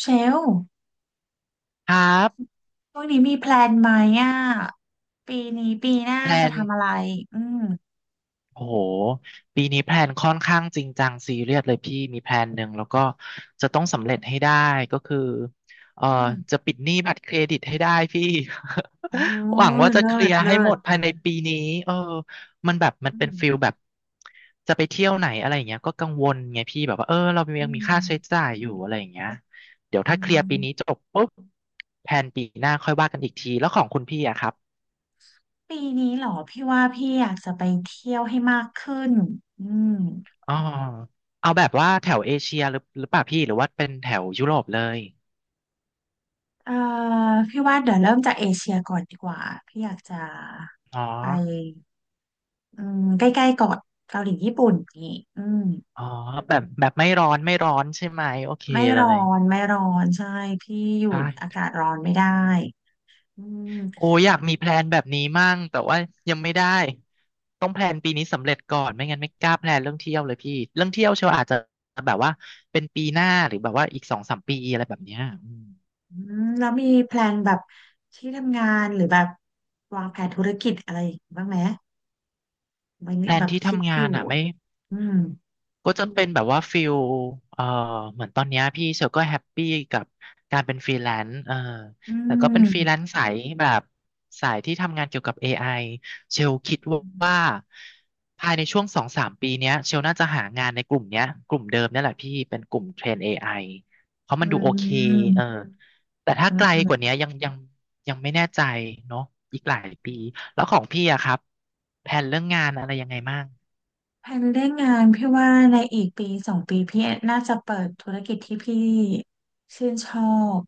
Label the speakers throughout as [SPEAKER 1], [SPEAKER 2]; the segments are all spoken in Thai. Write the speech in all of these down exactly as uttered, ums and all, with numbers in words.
[SPEAKER 1] เชลล์
[SPEAKER 2] ครับ
[SPEAKER 1] พวกนี้มีแพลนไหมอ่ะปีนี้ปีหน้า
[SPEAKER 2] แพล
[SPEAKER 1] จะ
[SPEAKER 2] น
[SPEAKER 1] ทำอะไร อืม
[SPEAKER 2] โอ้โหปีนี้แพลนค่อนข้างจริงจังซีเรียสเลยพี่มีแพลนหนึ่งแล้วก็จะต้องสำเร็จให้ได้ก็คือเอ่อ
[SPEAKER 1] อืม
[SPEAKER 2] จะปิดหนี้บัตรเครดิตให้ได้พี่
[SPEAKER 1] โอ้
[SPEAKER 2] หวัง
[SPEAKER 1] ย
[SPEAKER 2] ว่าจะ
[SPEAKER 1] เลิ
[SPEAKER 2] เคลี
[SPEAKER 1] ศ
[SPEAKER 2] ยร์
[SPEAKER 1] เลิ
[SPEAKER 2] ให้หม
[SPEAKER 1] ศ
[SPEAKER 2] ดภายในปีนี้เออมันแบบมัน
[SPEAKER 1] อื
[SPEAKER 2] เป็นฟิล
[SPEAKER 1] ม
[SPEAKER 2] แบบจะไปเที่ยวไหนอะไรอย่างเงี้ยก็กังวลไงพี่แบบว่าเออเรา
[SPEAKER 1] อื
[SPEAKER 2] ยังมีค่าใช้
[SPEAKER 1] ม
[SPEAKER 2] จ่ายอยู่อะไรอย่างเงี้ยเดี๋ยว
[SPEAKER 1] อื
[SPEAKER 2] ถ้าเคลียร์ปีนี้
[SPEAKER 1] ม
[SPEAKER 2] จบปุ๊บแพลนปีหน้าค่อยว่ากันอีกทีแล้วของคุณพี่อะครับ
[SPEAKER 1] ปีนี้เหรอพี่ว่าพี่อยากจะไปเที่ยวให้มากขึ้นอืม
[SPEAKER 2] อ๋อเอาแบบว่าแถวเอเชียหรือหรือเปล่าพี่หรือว่าเป็นแถวยุโรปเลย
[SPEAKER 1] เอ่อพี่ว่าเดี๋ยวเริ่มจากเอเชียก่อนดีกว่าพี่อยากจะ
[SPEAKER 2] อ๋อ
[SPEAKER 1] ไปอืมใกล้ๆก่อนเกาหลีญี่ปุ่นนี่อืม
[SPEAKER 2] อ๋อแบบแบบไม่ร้อนไม่ร้อนใช่ไหมโอเค
[SPEAKER 1] ไม่
[SPEAKER 2] เล
[SPEAKER 1] ร้อ
[SPEAKER 2] ย
[SPEAKER 1] นไม่ร้อนใช่พี่อยู่
[SPEAKER 2] ใ
[SPEAKER 1] อากา
[SPEAKER 2] ช่
[SPEAKER 1] ศร้อนไม่ได้อืม
[SPEAKER 2] โอ้อยากมีแพลนแบบนี้มั่งแต่ว่ายังไม่ได้ต้องแพลนปีนี้สำเร็จก่อนไม่งั้นไม่กล้าแพลนเรื่องเที่ยวเลยพี่เรื่องเที่ยวเชียวอาจจะแบบว่าเป็นปีหน้าหรือแบบว่าอีกสองสามปีอะไรแบบเนี้ยอืม
[SPEAKER 1] อืมแล้วมีแพลนแบบที่ทำงานหรือแบบวางแผนธุรกิจอะไรบ้างไหมมัน
[SPEAKER 2] แพล
[SPEAKER 1] แบ
[SPEAKER 2] น
[SPEAKER 1] บ
[SPEAKER 2] ที่
[SPEAKER 1] คิด
[SPEAKER 2] ทำ
[SPEAKER 1] อ
[SPEAKER 2] งา
[SPEAKER 1] ยู่
[SPEAKER 2] นอ่ะไม่
[SPEAKER 1] อืม
[SPEAKER 2] ก็จะเป็นแบบว่าฟิลเอ่อเหมือนตอนเนี้ยพี่เชลก็แฮปปี้กับการเป็นฟรีแลนซ์เออ
[SPEAKER 1] อื
[SPEAKER 2] แต่ก็เป็นฟรีแล
[SPEAKER 1] ม
[SPEAKER 2] นซ์สายแบบสายที่ทำงานเกี่ยวกับ เอ ไอ เชลคิด
[SPEAKER 1] อื
[SPEAKER 2] ว่า
[SPEAKER 1] ม
[SPEAKER 2] ภายในช่วงสองสามปีเนี้ยเชลน่าจะหางานในกลุ่มเนี้ยกลุ่มเดิมเนี่ยแหละพี่เป็นกลุ่มเทรน เอ ไอ เพราะ
[SPEAKER 1] เ
[SPEAKER 2] มันดูโอเค
[SPEAKER 1] ออ
[SPEAKER 2] เออแต่ถ้า
[SPEAKER 1] เ
[SPEAKER 2] ไกลกว่า
[SPEAKER 1] ออ
[SPEAKER 2] เนี้ยยังยังยังไม่แน่ใจเนาะอีกหลายปีแล้วของพี่อะครับแผนเรื่องงานอะไรยังไงบ้าง
[SPEAKER 1] แผนเรื่องงานพี่ว่าในอีกปีสองปีพี่น่าจะเปิดธุรกิจที่พี่ชื่นชอบ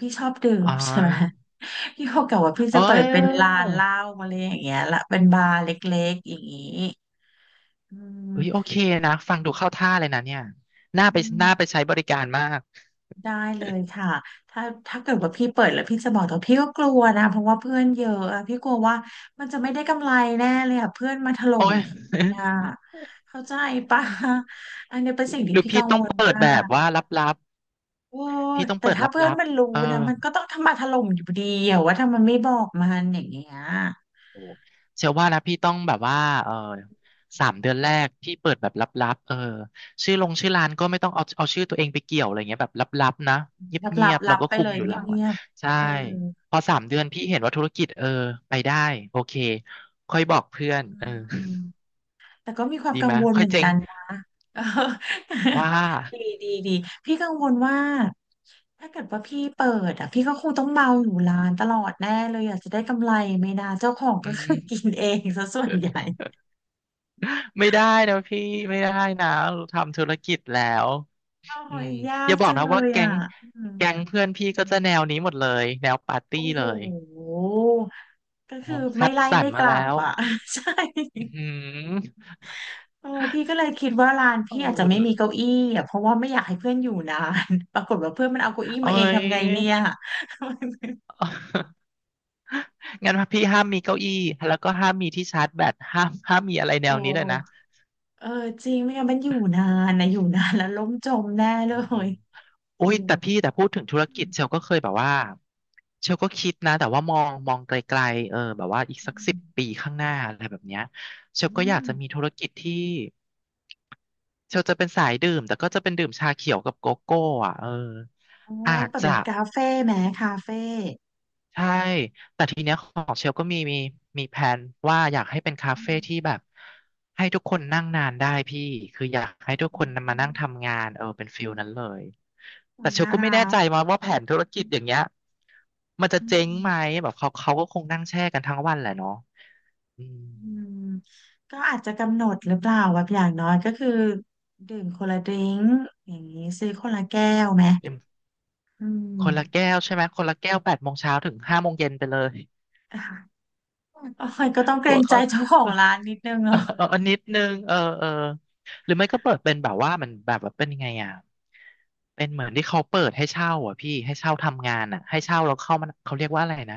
[SPEAKER 1] พี่ชอบดื่ม
[SPEAKER 2] อ๋อ
[SPEAKER 1] ใช่ไหม พี่บอกกับว่าพี่
[SPEAKER 2] เ
[SPEAKER 1] จะเปิดเป็น
[SPEAKER 2] ออ
[SPEAKER 1] ร้านเหล้าอะไรอย่างเงี้ยละเป็นบาร์เล็กๆอย่างงี้อืม
[SPEAKER 2] เอ้ยโอเคนะฟังดูเข้าท่าเลยนะเนี่ยน่าไป
[SPEAKER 1] อื
[SPEAKER 2] น่าไปใช้
[SPEAKER 1] ม
[SPEAKER 2] บริการมาก
[SPEAKER 1] ได้เลยค่ะถ้าถ้าเกิดว่าพี่เปิดแล้วพี่จะบอกแต่พี่ก็กลัวนะเพราะว่าเพื่อนเยอะอะพี่กลัวว่ามันจะไม่ได้กำไรแน่เลยอะเพื่อนมาถล่
[SPEAKER 2] โอ้
[SPEAKER 1] ม
[SPEAKER 2] ย
[SPEAKER 1] ทีอะเข้าใจปะ อันนี้เป็นสิ่ง
[SPEAKER 2] ห
[SPEAKER 1] ที่
[SPEAKER 2] รือ
[SPEAKER 1] พี่กั
[SPEAKER 2] พี่
[SPEAKER 1] ง
[SPEAKER 2] ต้อ
[SPEAKER 1] ว
[SPEAKER 2] ง
[SPEAKER 1] ล
[SPEAKER 2] เปิด
[SPEAKER 1] มา
[SPEAKER 2] แบบ
[SPEAKER 1] ก
[SPEAKER 2] ว่าลับ
[SPEAKER 1] โอ้
[SPEAKER 2] ๆ
[SPEAKER 1] ย
[SPEAKER 2] พี่ต้อง
[SPEAKER 1] แต่
[SPEAKER 2] เปิดล
[SPEAKER 1] ถ้าเพื่อ
[SPEAKER 2] ั
[SPEAKER 1] น
[SPEAKER 2] บ
[SPEAKER 1] มันรู้
[SPEAKER 2] ๆเออ
[SPEAKER 1] นะมันก็ต้องทำมาถล่มอยู่ดีอะว่าถ้ามันไม่บอกมันอย่างเงี้ย
[SPEAKER 2] โอ้เชื่อว่านะพี่ต้องแบบว่าเออสามเดือนแรกพี่เปิดแบบลับๆเออชื่อลงชื่อร้านก็ไม่ต้องเอาเอาชื่อตัวเองไปเกี่ยวอะไรเงี้ยแบบลับๆนะเ
[SPEAKER 1] รับ
[SPEAKER 2] งี
[SPEAKER 1] รับ
[SPEAKER 2] ยบๆ
[SPEAKER 1] รั
[SPEAKER 2] เรา
[SPEAKER 1] บ
[SPEAKER 2] ก็
[SPEAKER 1] ไป
[SPEAKER 2] คุ
[SPEAKER 1] เล
[SPEAKER 2] ม
[SPEAKER 1] ย
[SPEAKER 2] อยู่
[SPEAKER 1] เ
[SPEAKER 2] หลัง
[SPEAKER 1] งี
[SPEAKER 2] ละ
[SPEAKER 1] ยบ
[SPEAKER 2] ใช่
[SPEAKER 1] ๆเออ
[SPEAKER 2] พอสามเดือนพี่เห็นว่าธุรกิจเออไปได้โอเคค่อยบอกเพื่อนเออ
[SPEAKER 1] อืมแต่ก็มีความ
[SPEAKER 2] ดี
[SPEAKER 1] กั
[SPEAKER 2] ไห
[SPEAKER 1] ง
[SPEAKER 2] มย
[SPEAKER 1] วล
[SPEAKER 2] ค่อ
[SPEAKER 1] เห
[SPEAKER 2] ย
[SPEAKER 1] มือน
[SPEAKER 2] เจ๊ง
[SPEAKER 1] กันนะ
[SPEAKER 2] ว่า
[SPEAKER 1] ดีดีดีพี่กังวลว่า ถ้าเกิดว่าพี่เปิดอ่ะพี่ก็คงต้องเมาอยู่ร้านตลอดแน่เลยอยากจะได้กำไรไหม่นะเจ้าของ
[SPEAKER 2] อื
[SPEAKER 1] ก็คือ
[SPEAKER 2] ม
[SPEAKER 1] กินเองซะส่วนใหญ่
[SPEAKER 2] ไม่ได้นะพี่ไม่ได้นะเราทำธุรกิจแล้ว
[SPEAKER 1] โ
[SPEAKER 2] อื
[SPEAKER 1] อ้ย
[SPEAKER 2] ม
[SPEAKER 1] ยา
[SPEAKER 2] อ
[SPEAKER 1] ก
[SPEAKER 2] ย่าบอก
[SPEAKER 1] จัง
[SPEAKER 2] นะ
[SPEAKER 1] เล
[SPEAKER 2] ว่า
[SPEAKER 1] ย
[SPEAKER 2] แก๊
[SPEAKER 1] อ่ะ
[SPEAKER 2] ง
[SPEAKER 1] อืม
[SPEAKER 2] แก๊งเพื่อนพี่ก็จะแนวนี้หมดเลยแนวปาร์ตี้
[SPEAKER 1] โอ้โห
[SPEAKER 2] เลย
[SPEAKER 1] ก็
[SPEAKER 2] อ๋อ
[SPEAKER 1] คือ
[SPEAKER 2] คั
[SPEAKER 1] ไม่
[SPEAKER 2] ด
[SPEAKER 1] ไล่
[SPEAKER 2] สรร
[SPEAKER 1] ไม่ก
[SPEAKER 2] มา
[SPEAKER 1] ลั
[SPEAKER 2] แล้
[SPEAKER 1] บ
[SPEAKER 2] ว
[SPEAKER 1] อ่ะ ใช่
[SPEAKER 2] อืม
[SPEAKER 1] เออพี่ก็เลยคิดว่าร้าน
[SPEAKER 2] เอ
[SPEAKER 1] พี่อาจจะไม่มี
[SPEAKER 2] อ
[SPEAKER 1] เก้าอี้อ่ะเพราะว่าไม่อยากให้เพื่อนอยู่นาน ปรากฏว่าเพื่อนมันเอาเก้าอี้
[SPEAKER 2] โอ้
[SPEAKER 1] มาเอง
[SPEAKER 2] ย
[SPEAKER 1] ทำไงเนี่ย
[SPEAKER 2] งั้นพี่ห้ามมีเก้าอี้แล้วก็ห้ามมีที่ชาร์จแบตห้ามห้ามมีอะไร แน
[SPEAKER 1] โอ้
[SPEAKER 2] วนี้เลยนะ
[SPEAKER 1] เออจริงไม่งั้นมันอยู่นานนะอยู่นานแล้วล้มจมแน่เล
[SPEAKER 2] อื
[SPEAKER 1] ย
[SPEAKER 2] ม โอ้
[SPEAKER 1] อื
[SPEAKER 2] ย
[SPEAKER 1] ม
[SPEAKER 2] แต่พี่แต่พูดถึงธุรกิจเชลก็เคยแบบว่าเชลก็คิดนะแต่ว่ามองมองไกลๆเออแบบว่าอีก
[SPEAKER 1] อื
[SPEAKER 2] สักสิ
[SPEAKER 1] ม
[SPEAKER 2] บปีข้างหน้าอะไรแบบเนี้ยเช
[SPEAKER 1] อื
[SPEAKER 2] ลก็อยาก
[SPEAKER 1] ม
[SPEAKER 2] จะมีธุรกิจที่เชลจะเป็นสายดื่มแต่ก็จะเป็นดื่มชาเขียวกับโกโก้อ่ะเออ
[SPEAKER 1] โอ้
[SPEAKER 2] อาจ
[SPEAKER 1] เปิด
[SPEAKER 2] จะ
[SPEAKER 1] เป็นคาเฟ่ไหมคาเฟ่
[SPEAKER 2] ใช่ แต่ทีเนี้ยของเชลก็มีมีมีแผนว่าอยากให้เป็นคา
[SPEAKER 1] อื
[SPEAKER 2] เฟ่
[SPEAKER 1] ม
[SPEAKER 2] ที่แบบให้ทุกคนนั่งนานได้พี่ คืออยากให้ทุก
[SPEAKER 1] อื
[SPEAKER 2] คนมานั่ง
[SPEAKER 1] ม
[SPEAKER 2] ทำงานเออเป็นฟิลนั้นเลย
[SPEAKER 1] อุ้
[SPEAKER 2] แต่
[SPEAKER 1] ย
[SPEAKER 2] เชล
[SPEAKER 1] น่า
[SPEAKER 2] ก็ไม่แน่
[SPEAKER 1] รั
[SPEAKER 2] ใจ
[SPEAKER 1] ก
[SPEAKER 2] มาว่าแผนธุรกิจอย่างเงี้ยมันจะ
[SPEAKER 1] อื
[SPEAKER 2] เจ๊ง
[SPEAKER 1] ม
[SPEAKER 2] ไหมแบบเขาเขาก็คงนั่งแช่กันทั้งวันแหละเนาะอืม
[SPEAKER 1] อืมก็อาจจะกำหนดหรือเปล่าแบบอย่างน้อยก็คือดื่มคนละดริงก์อย่างนี้ซื้อคนละแก้วไหม
[SPEAKER 2] เป็น
[SPEAKER 1] อื
[SPEAKER 2] คนละ
[SPEAKER 1] ม
[SPEAKER 2] แก้วใช่ไหมคนละแก้วแปดโมงเช้าถึงห้าโมงเย็นไปเลย
[SPEAKER 1] อ่ะโอ้ยก็ต้องเก
[SPEAKER 2] ก
[SPEAKER 1] ร
[SPEAKER 2] ลัว
[SPEAKER 1] งใจ
[SPEAKER 2] เขา
[SPEAKER 1] เจ้าของร้านนิดนึง
[SPEAKER 2] เออ
[SPEAKER 1] เนาะ
[SPEAKER 2] เออเออนิดนึงเออเออหรือไม่ก็เปิดเป็นแบบว่ามันแบบแบบเป็นยังไงอ่ะเป็นเหมือนที่เขาเปิดให้เช่าอ่ะพี่ให้เช่าทำงานอ่ะให้เช่าแล้วเข้ามันเขาเรียกว่าอะไรนะ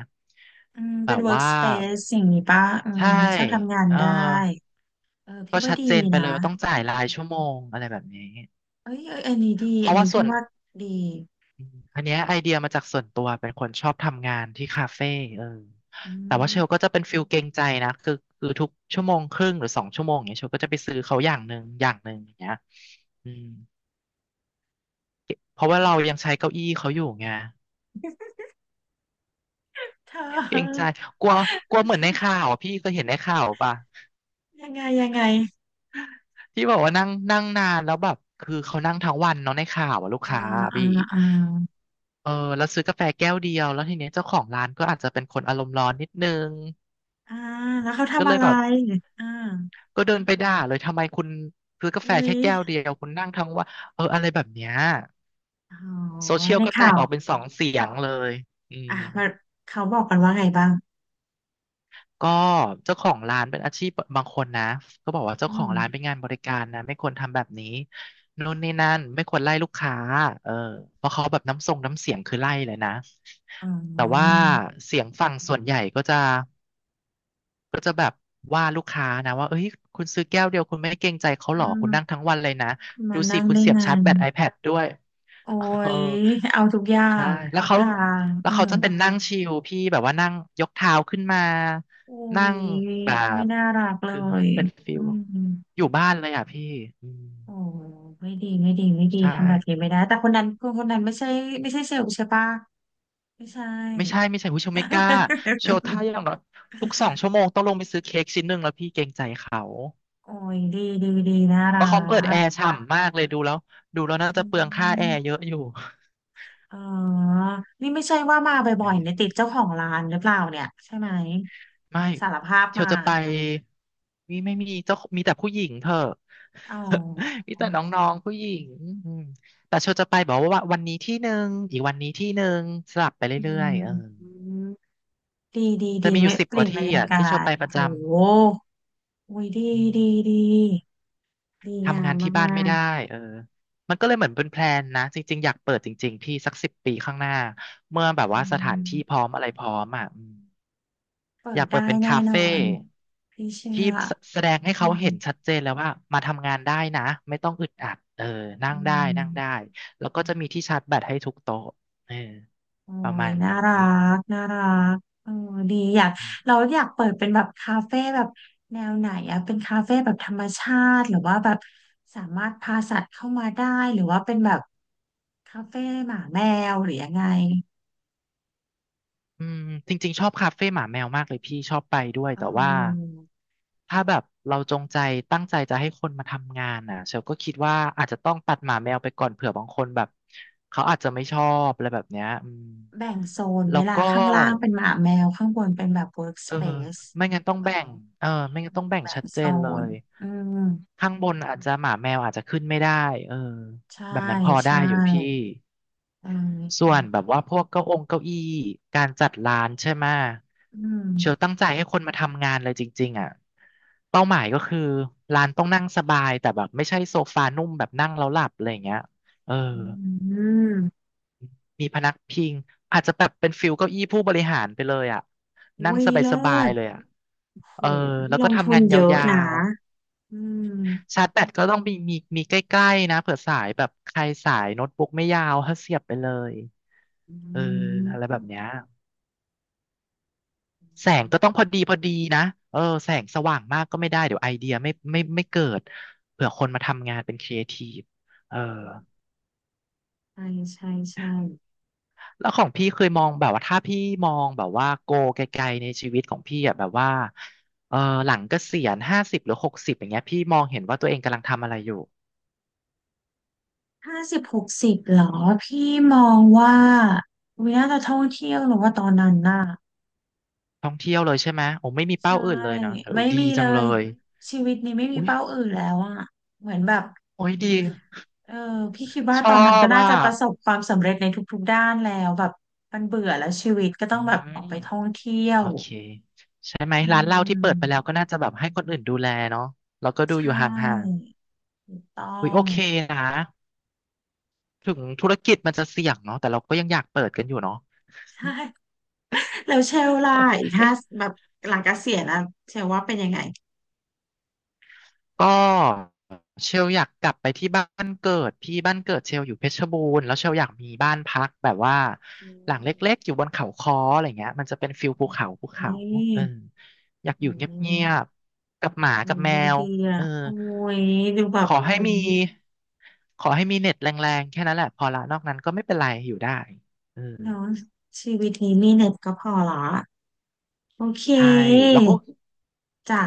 [SPEAKER 1] อืม
[SPEAKER 2] แบ
[SPEAKER 1] เป็น
[SPEAKER 2] บว่า
[SPEAKER 1] workspace สิ่างนี้ป่ะอืม
[SPEAKER 2] ใช่
[SPEAKER 1] ไม่ชอบทำงาน
[SPEAKER 2] เออ
[SPEAKER 1] ได้เออพี่
[SPEAKER 2] ก็
[SPEAKER 1] ว่า
[SPEAKER 2] ชัด
[SPEAKER 1] ดี
[SPEAKER 2] เจนไปเล
[SPEAKER 1] นะ
[SPEAKER 2] ยว่าต้องจ่ายรายชั่วโมงอะไรแบบนี้
[SPEAKER 1] เอ้ยเอ้ยอันนี้ดี
[SPEAKER 2] เพ
[SPEAKER 1] อั
[SPEAKER 2] ราะ
[SPEAKER 1] น
[SPEAKER 2] ว่า
[SPEAKER 1] นี้
[SPEAKER 2] ส่
[SPEAKER 1] พี่
[SPEAKER 2] วน
[SPEAKER 1] ว่าดี
[SPEAKER 2] อมอันเนี้ยไอเดียมาจากส่วนตัวเป็นคนชอบทำงานที่คาเฟ่เออ
[SPEAKER 1] อื
[SPEAKER 2] แต่ว่าเชลก็
[SPEAKER 1] ม
[SPEAKER 2] จะเป็นฟิลเกรงใจนะคือคือทุกชั่วโมงครึ่งหรือสองชั่วโมงอย่างเงี้ยเชลก็จะไปซื้อเขาอย่างหนึ่งอย่างหนึ่งอย่างเงี้ยอืมเพราะว่าเรายังใช้เก้าอี้เขาอยู่ไง
[SPEAKER 1] เธ
[SPEAKER 2] เกรงใจ
[SPEAKER 1] อ
[SPEAKER 2] กลัวกลัวเหมือนในข่าวอะพี่ก็เห็นในข่าวป่ะ
[SPEAKER 1] ยังไงยังไง
[SPEAKER 2] ที่บอกว่านั่งนั่งนานแล้วแบบคือเขานั่งทั้งวันเนาะในข่าวอะลูก
[SPEAKER 1] อ่า
[SPEAKER 2] ค้าอะ
[SPEAKER 1] อ่า
[SPEAKER 2] พี่
[SPEAKER 1] อ่า
[SPEAKER 2] เออแล้วซื้อกาแฟแก้วเดียวแล้วทีเนี้ยเจ้าของร้านก็อาจจะเป็นคนอารมณ์ร้อนนิดนึง
[SPEAKER 1] อ่าแล้วเขา
[SPEAKER 2] ก็
[SPEAKER 1] ทำ
[SPEAKER 2] เล
[SPEAKER 1] อะ
[SPEAKER 2] ย
[SPEAKER 1] ไร
[SPEAKER 2] แบบ
[SPEAKER 1] อ่า
[SPEAKER 2] ก็เดินไปด่าเลยทำไมคุณซื้อกาแฟ
[SPEAKER 1] อุ้ย
[SPEAKER 2] แค่แก้วเดียวคุณนั่งทั้งวันเอออะไรแบบเนี้ย
[SPEAKER 1] อ๋อ
[SPEAKER 2] โซเชียล
[SPEAKER 1] ใน
[SPEAKER 2] ก็แต
[SPEAKER 1] ข่า
[SPEAKER 2] ก
[SPEAKER 1] ว
[SPEAKER 2] ออกเป็นสองเสียงเลยอื
[SPEAKER 1] อ่ะ
[SPEAKER 2] ม
[SPEAKER 1] มันเขาบอกกันว่าไงบ้าง
[SPEAKER 2] ก็เจ้าของร้านเป็นอาชีพบางคนนะก็บอกว่าเจ้า
[SPEAKER 1] อื
[SPEAKER 2] ของ
[SPEAKER 1] ม
[SPEAKER 2] ร้านเป็นงานบริการนะไม่ควรทำแบบนี้นู่นนี่นั่นไม่ควรไล่ลูกค้าเออเพราะเขาแบบน้ำทรงน้ำเสียงคือไล่เลยนะ
[SPEAKER 1] อ๋
[SPEAKER 2] แต่ว่า
[SPEAKER 1] อ
[SPEAKER 2] เสียงฝั่งส่วนใหญ่ก็จะว่าลูกค้านะว่าเอ้ยคุณซื้อแก้วเดียวคุณไม่เกรงใจเขา
[SPEAKER 1] อ่
[SPEAKER 2] หรอคุณนั่ง
[SPEAKER 1] า
[SPEAKER 2] ทั้งวันเลยนะ
[SPEAKER 1] คุณมา
[SPEAKER 2] ดูสิ
[SPEAKER 1] นั่ง
[SPEAKER 2] คุณ
[SPEAKER 1] ได้
[SPEAKER 2] เสียบ
[SPEAKER 1] ไง
[SPEAKER 2] ชาร์จแบต ไอแพด ด้วย
[SPEAKER 1] โอ้
[SPEAKER 2] เออ
[SPEAKER 1] ย เอาทุกอย่า
[SPEAKER 2] ใช่
[SPEAKER 1] ง
[SPEAKER 2] แล้
[SPEAKER 1] ทุ
[SPEAKER 2] ว
[SPEAKER 1] ก
[SPEAKER 2] เขา
[SPEAKER 1] ทาง
[SPEAKER 2] แล้
[SPEAKER 1] อื
[SPEAKER 2] วเขา
[SPEAKER 1] ม
[SPEAKER 2] จะเป็นนั่งชิลพี่แบบว่านั่งยกเท้าขึ้นมา
[SPEAKER 1] อุ้
[SPEAKER 2] นั่ง
[SPEAKER 1] ย
[SPEAKER 2] แบ
[SPEAKER 1] ไม่
[SPEAKER 2] บ
[SPEAKER 1] น่ารักเล
[SPEAKER 2] คือ
[SPEAKER 1] ย
[SPEAKER 2] เป็นฟิ
[SPEAKER 1] อื
[SPEAKER 2] ล
[SPEAKER 1] ม
[SPEAKER 2] อยู่บ้านเลยอ่ะพี่อืม
[SPEAKER 1] โอ้ไม่ดีไม่ดีไม่ดี
[SPEAKER 2] ใช
[SPEAKER 1] ทำแบบนี้
[SPEAKER 2] ่
[SPEAKER 1] ไม่ได้ แต่คนนั้นคนคนนั้นไม่ใช่ไม่ใช่เซลล์ใช่ปะไม่ใช่
[SPEAKER 2] ไม่ใช่ไม่ใช่ผู้ชมไม่กล้าโชว์ท่า อย่างน้อยทุกสองชั่วโมงต้องลงไปซื้อเค้กชิ้นหนึ่งแล้วพี่เกรงใจเขา
[SPEAKER 1] โอ้ยดีดีดีน่า
[SPEAKER 2] เพ
[SPEAKER 1] รั
[SPEAKER 2] ราะเขาเปิดแอ
[SPEAKER 1] ก
[SPEAKER 2] ร์ฉ่ำมากเลยดูแล้วดูแล้วน่า
[SPEAKER 1] อื
[SPEAKER 2] จะเปลืองค่าแอร์เย
[SPEAKER 1] ม
[SPEAKER 2] อะอยู่
[SPEAKER 1] เออนี่ไม่ใช่ว่ามา
[SPEAKER 2] เอ
[SPEAKER 1] บ่อยๆเนี่
[SPEAKER 2] อ
[SPEAKER 1] ยติดเจ้าของร้านหรือเปล่าเนี่ยใช่ไหม
[SPEAKER 2] ไม่
[SPEAKER 1] สารภาพ
[SPEAKER 2] เชียว
[SPEAKER 1] มา
[SPEAKER 2] จะไปมีไม่มีเจ้ามีแต่ผู้หญิงเถอะ
[SPEAKER 1] อ๋อ
[SPEAKER 2] มีแต่น้องๆผู้หญิงอืมแต่เชียวจะไปบอกว่าวันนี้ที่หนึ่งอีกวันนี้ที่หนึ่งสลับไป
[SPEAKER 1] อื
[SPEAKER 2] เรื่อยๆเออ
[SPEAKER 1] มดีดี
[SPEAKER 2] จะ
[SPEAKER 1] ดี
[SPEAKER 2] มีอ
[SPEAKER 1] ไว้
[SPEAKER 2] ยู่สิบ
[SPEAKER 1] เป
[SPEAKER 2] ก
[SPEAKER 1] ลี่ย
[SPEAKER 2] ว่า
[SPEAKER 1] นบร
[SPEAKER 2] ที่
[SPEAKER 1] รยา
[SPEAKER 2] อ่ะที่
[SPEAKER 1] กา
[SPEAKER 2] เชียว
[SPEAKER 1] ศ
[SPEAKER 2] ไปประ
[SPEAKER 1] โห
[SPEAKER 2] จ
[SPEAKER 1] โอ้ยดี
[SPEAKER 2] ำอืม
[SPEAKER 1] ดีดีดีงา
[SPEAKER 2] ทำงา
[SPEAKER 1] ม
[SPEAKER 2] นที่บ้าน
[SPEAKER 1] มา
[SPEAKER 2] ไม่
[SPEAKER 1] ก
[SPEAKER 2] ได้เออมันก็เลยเหมือนเป็นแพลนนะจริงๆอยากเปิดจริงๆพี่สักสิบปีข้างหน้าเมื่อแบ
[SPEAKER 1] ๆ
[SPEAKER 2] บ
[SPEAKER 1] อื
[SPEAKER 2] ว่าสถาน
[SPEAKER 1] ม
[SPEAKER 2] ที่พร้อมอะไรพร้อมอ่ะอืม
[SPEAKER 1] เปิ
[SPEAKER 2] อ
[SPEAKER 1] ด
[SPEAKER 2] ยากเปิด
[SPEAKER 1] ได้
[SPEAKER 2] เป็น
[SPEAKER 1] แน่
[SPEAKER 2] คา
[SPEAKER 1] นอ
[SPEAKER 2] เฟ่
[SPEAKER 1] นพี่เชื่
[SPEAKER 2] ที่
[SPEAKER 1] อ
[SPEAKER 2] แสแสดงให้
[SPEAKER 1] อื
[SPEAKER 2] เขา
[SPEAKER 1] ม
[SPEAKER 2] เห็นชัดเจนแล้วว่ามาทำงานได้นะไม่ต้องอึดอัดเออนั่ง
[SPEAKER 1] อื
[SPEAKER 2] ได้นั่งได้
[SPEAKER 1] ม
[SPEAKER 2] แล้วก็จะมีที่ชาร์จแบตให้ทุกโต๊ะเออ
[SPEAKER 1] โอ้
[SPEAKER 2] ประ
[SPEAKER 1] ย
[SPEAKER 2] มาณ
[SPEAKER 1] น่า
[SPEAKER 2] นี้
[SPEAKER 1] รักน่ารักเออดีอยากเราอยากเปิดเป็นแบบคาเฟ่แบบแนวไหนอะเป็นคาเฟ่แบบธรรมชาติหรือว่าแบบสามารถพาสัตว์เข้ามาได้หรือว่าเป็นแบบคาเฟ่หมาแมวหรือยังไง
[SPEAKER 2] อืมจริงๆชอบคาเฟ่หมาแมวมากเลยพี่ชอบไปด้วย
[SPEAKER 1] เ
[SPEAKER 2] แต่ว่า
[SPEAKER 1] ออ
[SPEAKER 2] ถ้าแบบเราจงใจตั้งใจจะให้คนมาทำงานน่ะเชลก็คิดว่าอาจจะต้องตัดหมาแมวไปก่อนเผื่อบางคนแบบเขาอาจจะไม่ชอบอะไรแบบเนี้ยอืม
[SPEAKER 1] แบ่งโซนไหม
[SPEAKER 2] แล้ว
[SPEAKER 1] ล่ะ
[SPEAKER 2] ก็
[SPEAKER 1] ข้างล่างเป็นหมาแมวข้างบนเป็นแบบ
[SPEAKER 2] เออ
[SPEAKER 1] workspace
[SPEAKER 2] ไม่งั้นต้อง
[SPEAKER 1] เอ
[SPEAKER 2] แบ่
[SPEAKER 1] อ
[SPEAKER 2] งเออไม่งั้นต้องแบ่ง
[SPEAKER 1] แบ่
[SPEAKER 2] ชั
[SPEAKER 1] ง
[SPEAKER 2] ดเจ
[SPEAKER 1] โซ
[SPEAKER 2] นเล
[SPEAKER 1] น
[SPEAKER 2] ย
[SPEAKER 1] อืม
[SPEAKER 2] ข้างบนอาจจะหมาแมวอาจจะขึ้นไม่ได้เออ
[SPEAKER 1] ใช่
[SPEAKER 2] แบบนั้นพอ
[SPEAKER 1] ใช่
[SPEAKER 2] ได้อยู่พี่
[SPEAKER 1] เ
[SPEAKER 2] ส่ว
[SPEAKER 1] ออ
[SPEAKER 2] นแบบว่าพวกเก้าองเก้าอี้การจัดร้านใช่ไหม
[SPEAKER 1] อืม
[SPEAKER 2] เชลตั้งใจให้คนมาทำงานเลยจริงๆอ่ะเป้าหมายก็คือร้านต้องนั่งสบายแต่แบบไม่ใช่โซฟานุ่มแบบนั่งแล้วหลับอะไรอย่างเงี้ยเออ
[SPEAKER 1] อืมอืม
[SPEAKER 2] มีพนักพิงอาจจะแบบเป็นฟิลเก้าอี้ผู้บริหารไปเลยอ่ะนั่ง
[SPEAKER 1] อุ้ย
[SPEAKER 2] ส
[SPEAKER 1] เลิ
[SPEAKER 2] บาย
[SPEAKER 1] ศ
[SPEAKER 2] ๆเลยอ่ะ
[SPEAKER 1] โห
[SPEAKER 2] เออแล้
[SPEAKER 1] นี่
[SPEAKER 2] ว
[SPEAKER 1] ล
[SPEAKER 2] ก็
[SPEAKER 1] งทุ
[SPEAKER 2] ทำ
[SPEAKER 1] น
[SPEAKER 2] งานย
[SPEAKER 1] เยอะ
[SPEAKER 2] า
[SPEAKER 1] นะ
[SPEAKER 2] ว
[SPEAKER 1] อืม
[SPEAKER 2] ๆชาร์จแบตก็ต้องมีมีมีใกล้ๆนะเผื่อสายแบบใครสายโน้ตบุ๊กไม่ยาวถ้าเสียบไปเลย
[SPEAKER 1] อ
[SPEAKER 2] เอออะไรแบบ
[SPEAKER 1] ืม
[SPEAKER 2] เนี้ยแสงก็ต้องพอดีพอดีนะเออแสงสว่างมากก็ไม่ได้เดี๋ยวไอเดียไม่ไม่ไม่เกิดเผื่อคนมาทำงานเป็นครีเอทีฟเออ
[SPEAKER 1] ใช่ใช่ใช่
[SPEAKER 2] แล้วของพี่เคยมองแบบว่าถ้าพี่มองแบบว่าโกไกลๆในชีวิตของพี่อ่ะแบบว่าเออหลังเกษียณห้าสิบหรือหกสิบอย่างเงี้ยพี่มองเห็นว่าตัวเองกำลังทำอะไรอยู่
[SPEAKER 1] ห้าสิบหกสิบเหรอ พี่มองว่า วิน่าจะท่องเที่ยวหรือว่าตอนนั้นน่ะ
[SPEAKER 2] ท่องเที่ยวเลยใช่ไหมโอ้ไม่มีเป้า
[SPEAKER 1] ใช่
[SPEAKER 2] อื่นเลยเนาะโอ้
[SPEAKER 1] ไม่
[SPEAKER 2] ดี
[SPEAKER 1] มีเล
[SPEAKER 2] จังเล
[SPEAKER 1] ย
[SPEAKER 2] ย
[SPEAKER 1] ชีวิตนี้ไม่มี
[SPEAKER 2] อุ้ย
[SPEAKER 1] เป้าอื่นแล้วอ่ะเหมือนแบบ
[SPEAKER 2] โอ้ยดี
[SPEAKER 1] เออพี่คิดว่า
[SPEAKER 2] ช
[SPEAKER 1] ต
[SPEAKER 2] อ
[SPEAKER 1] อนนั้นก็
[SPEAKER 2] บ
[SPEAKER 1] น่า
[SPEAKER 2] อ่ะ
[SPEAKER 1] จะประสบความสำเร็จในทุกๆด้านแล้วแบบมันเบื่อแล้วชีวิตก็
[SPEAKER 2] อื
[SPEAKER 1] ต้องแบบออก
[SPEAKER 2] ม
[SPEAKER 1] ไปท่องเที่ย
[SPEAKER 2] โอ
[SPEAKER 1] ว
[SPEAKER 2] เคใช่ไหม
[SPEAKER 1] อื
[SPEAKER 2] ร้านเหล้าที่เปิดไปแล้ว
[SPEAKER 1] ม
[SPEAKER 2] ก็น่าจะแบบให้คนอื่นดูแลเนาะแล้วก็ดู
[SPEAKER 1] ใช
[SPEAKER 2] อยู่ห่าง
[SPEAKER 1] ่ถูกต้อ
[SPEAKER 2] ๆอุ้ยโอ
[SPEAKER 1] ง
[SPEAKER 2] เคนะถึงธุรกิจมันจะเสี่ยงเนาะแต่เราก็ยังอยากเปิดกันอยู่เนาะ
[SPEAKER 1] ใช่แล้วเชลล่ะอีกห้า
[SPEAKER 2] เอ๊ะ
[SPEAKER 1] แบบหลังเกษียณแล้วเชลว่าเป็นยังไง
[SPEAKER 2] ก็เชลอยากกลับไปที่บ้านเกิดพี่บ้านเกิดเชลอยู่เพชรบูรณ์แล้วเชลอยากมีบ้านพักแบบว่า
[SPEAKER 1] อื
[SPEAKER 2] หลังเล
[SPEAKER 1] ม
[SPEAKER 2] ็กๆอยู่บนเขาค้ออะไรเงี้ยมันจะเป็นฟิลภูเขาภูเขา
[SPEAKER 1] นี่
[SPEAKER 2] เอออยาก
[SPEAKER 1] อื
[SPEAKER 2] อยู่เ
[SPEAKER 1] ม
[SPEAKER 2] งียบๆกับหมา
[SPEAKER 1] อื
[SPEAKER 2] กับ
[SPEAKER 1] ม
[SPEAKER 2] แม
[SPEAKER 1] ดู
[SPEAKER 2] ว
[SPEAKER 1] ดีอ่ะ
[SPEAKER 2] เออ
[SPEAKER 1] โอ้ยดูแบ
[SPEAKER 2] ข
[SPEAKER 1] บ
[SPEAKER 2] อ
[SPEAKER 1] โอ้
[SPEAKER 2] ให้
[SPEAKER 1] ย
[SPEAKER 2] มีขอให้มีเน็ตแรงๆแค่นั้นแหละพอละนอกนั้นก็ไม่เป็นไรอยู่ได้เออ
[SPEAKER 1] เนาะชีวิตนี้มีเน็ตก็พอละโอเค
[SPEAKER 2] ใช่แล้วก็
[SPEAKER 1] จ้ะ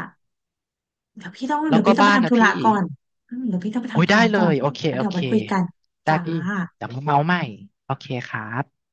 [SPEAKER 1] เดี๋ยวพี่ต้อง
[SPEAKER 2] แล้
[SPEAKER 1] เดี๋
[SPEAKER 2] ว
[SPEAKER 1] ยว
[SPEAKER 2] ก็
[SPEAKER 1] พี่ต้องไป
[SPEAKER 2] บ้าน
[SPEAKER 1] ทำ
[SPEAKER 2] นะ
[SPEAKER 1] ธุระ
[SPEAKER 2] พี่
[SPEAKER 1] ก่อนอืมเดี๋ยวพี่ต้องไป
[SPEAKER 2] โอ้ย
[SPEAKER 1] ทำธุ
[SPEAKER 2] ได้
[SPEAKER 1] ระ
[SPEAKER 2] เล
[SPEAKER 1] ก่อน
[SPEAKER 2] ยโอเค
[SPEAKER 1] แล้ว
[SPEAKER 2] โอ
[SPEAKER 1] เดี๋ยว
[SPEAKER 2] เค
[SPEAKER 1] ไปคุยกัน
[SPEAKER 2] ได้
[SPEAKER 1] จ้า
[SPEAKER 2] พี่เดี๋ยวมาเมาใหม่โอเคครับ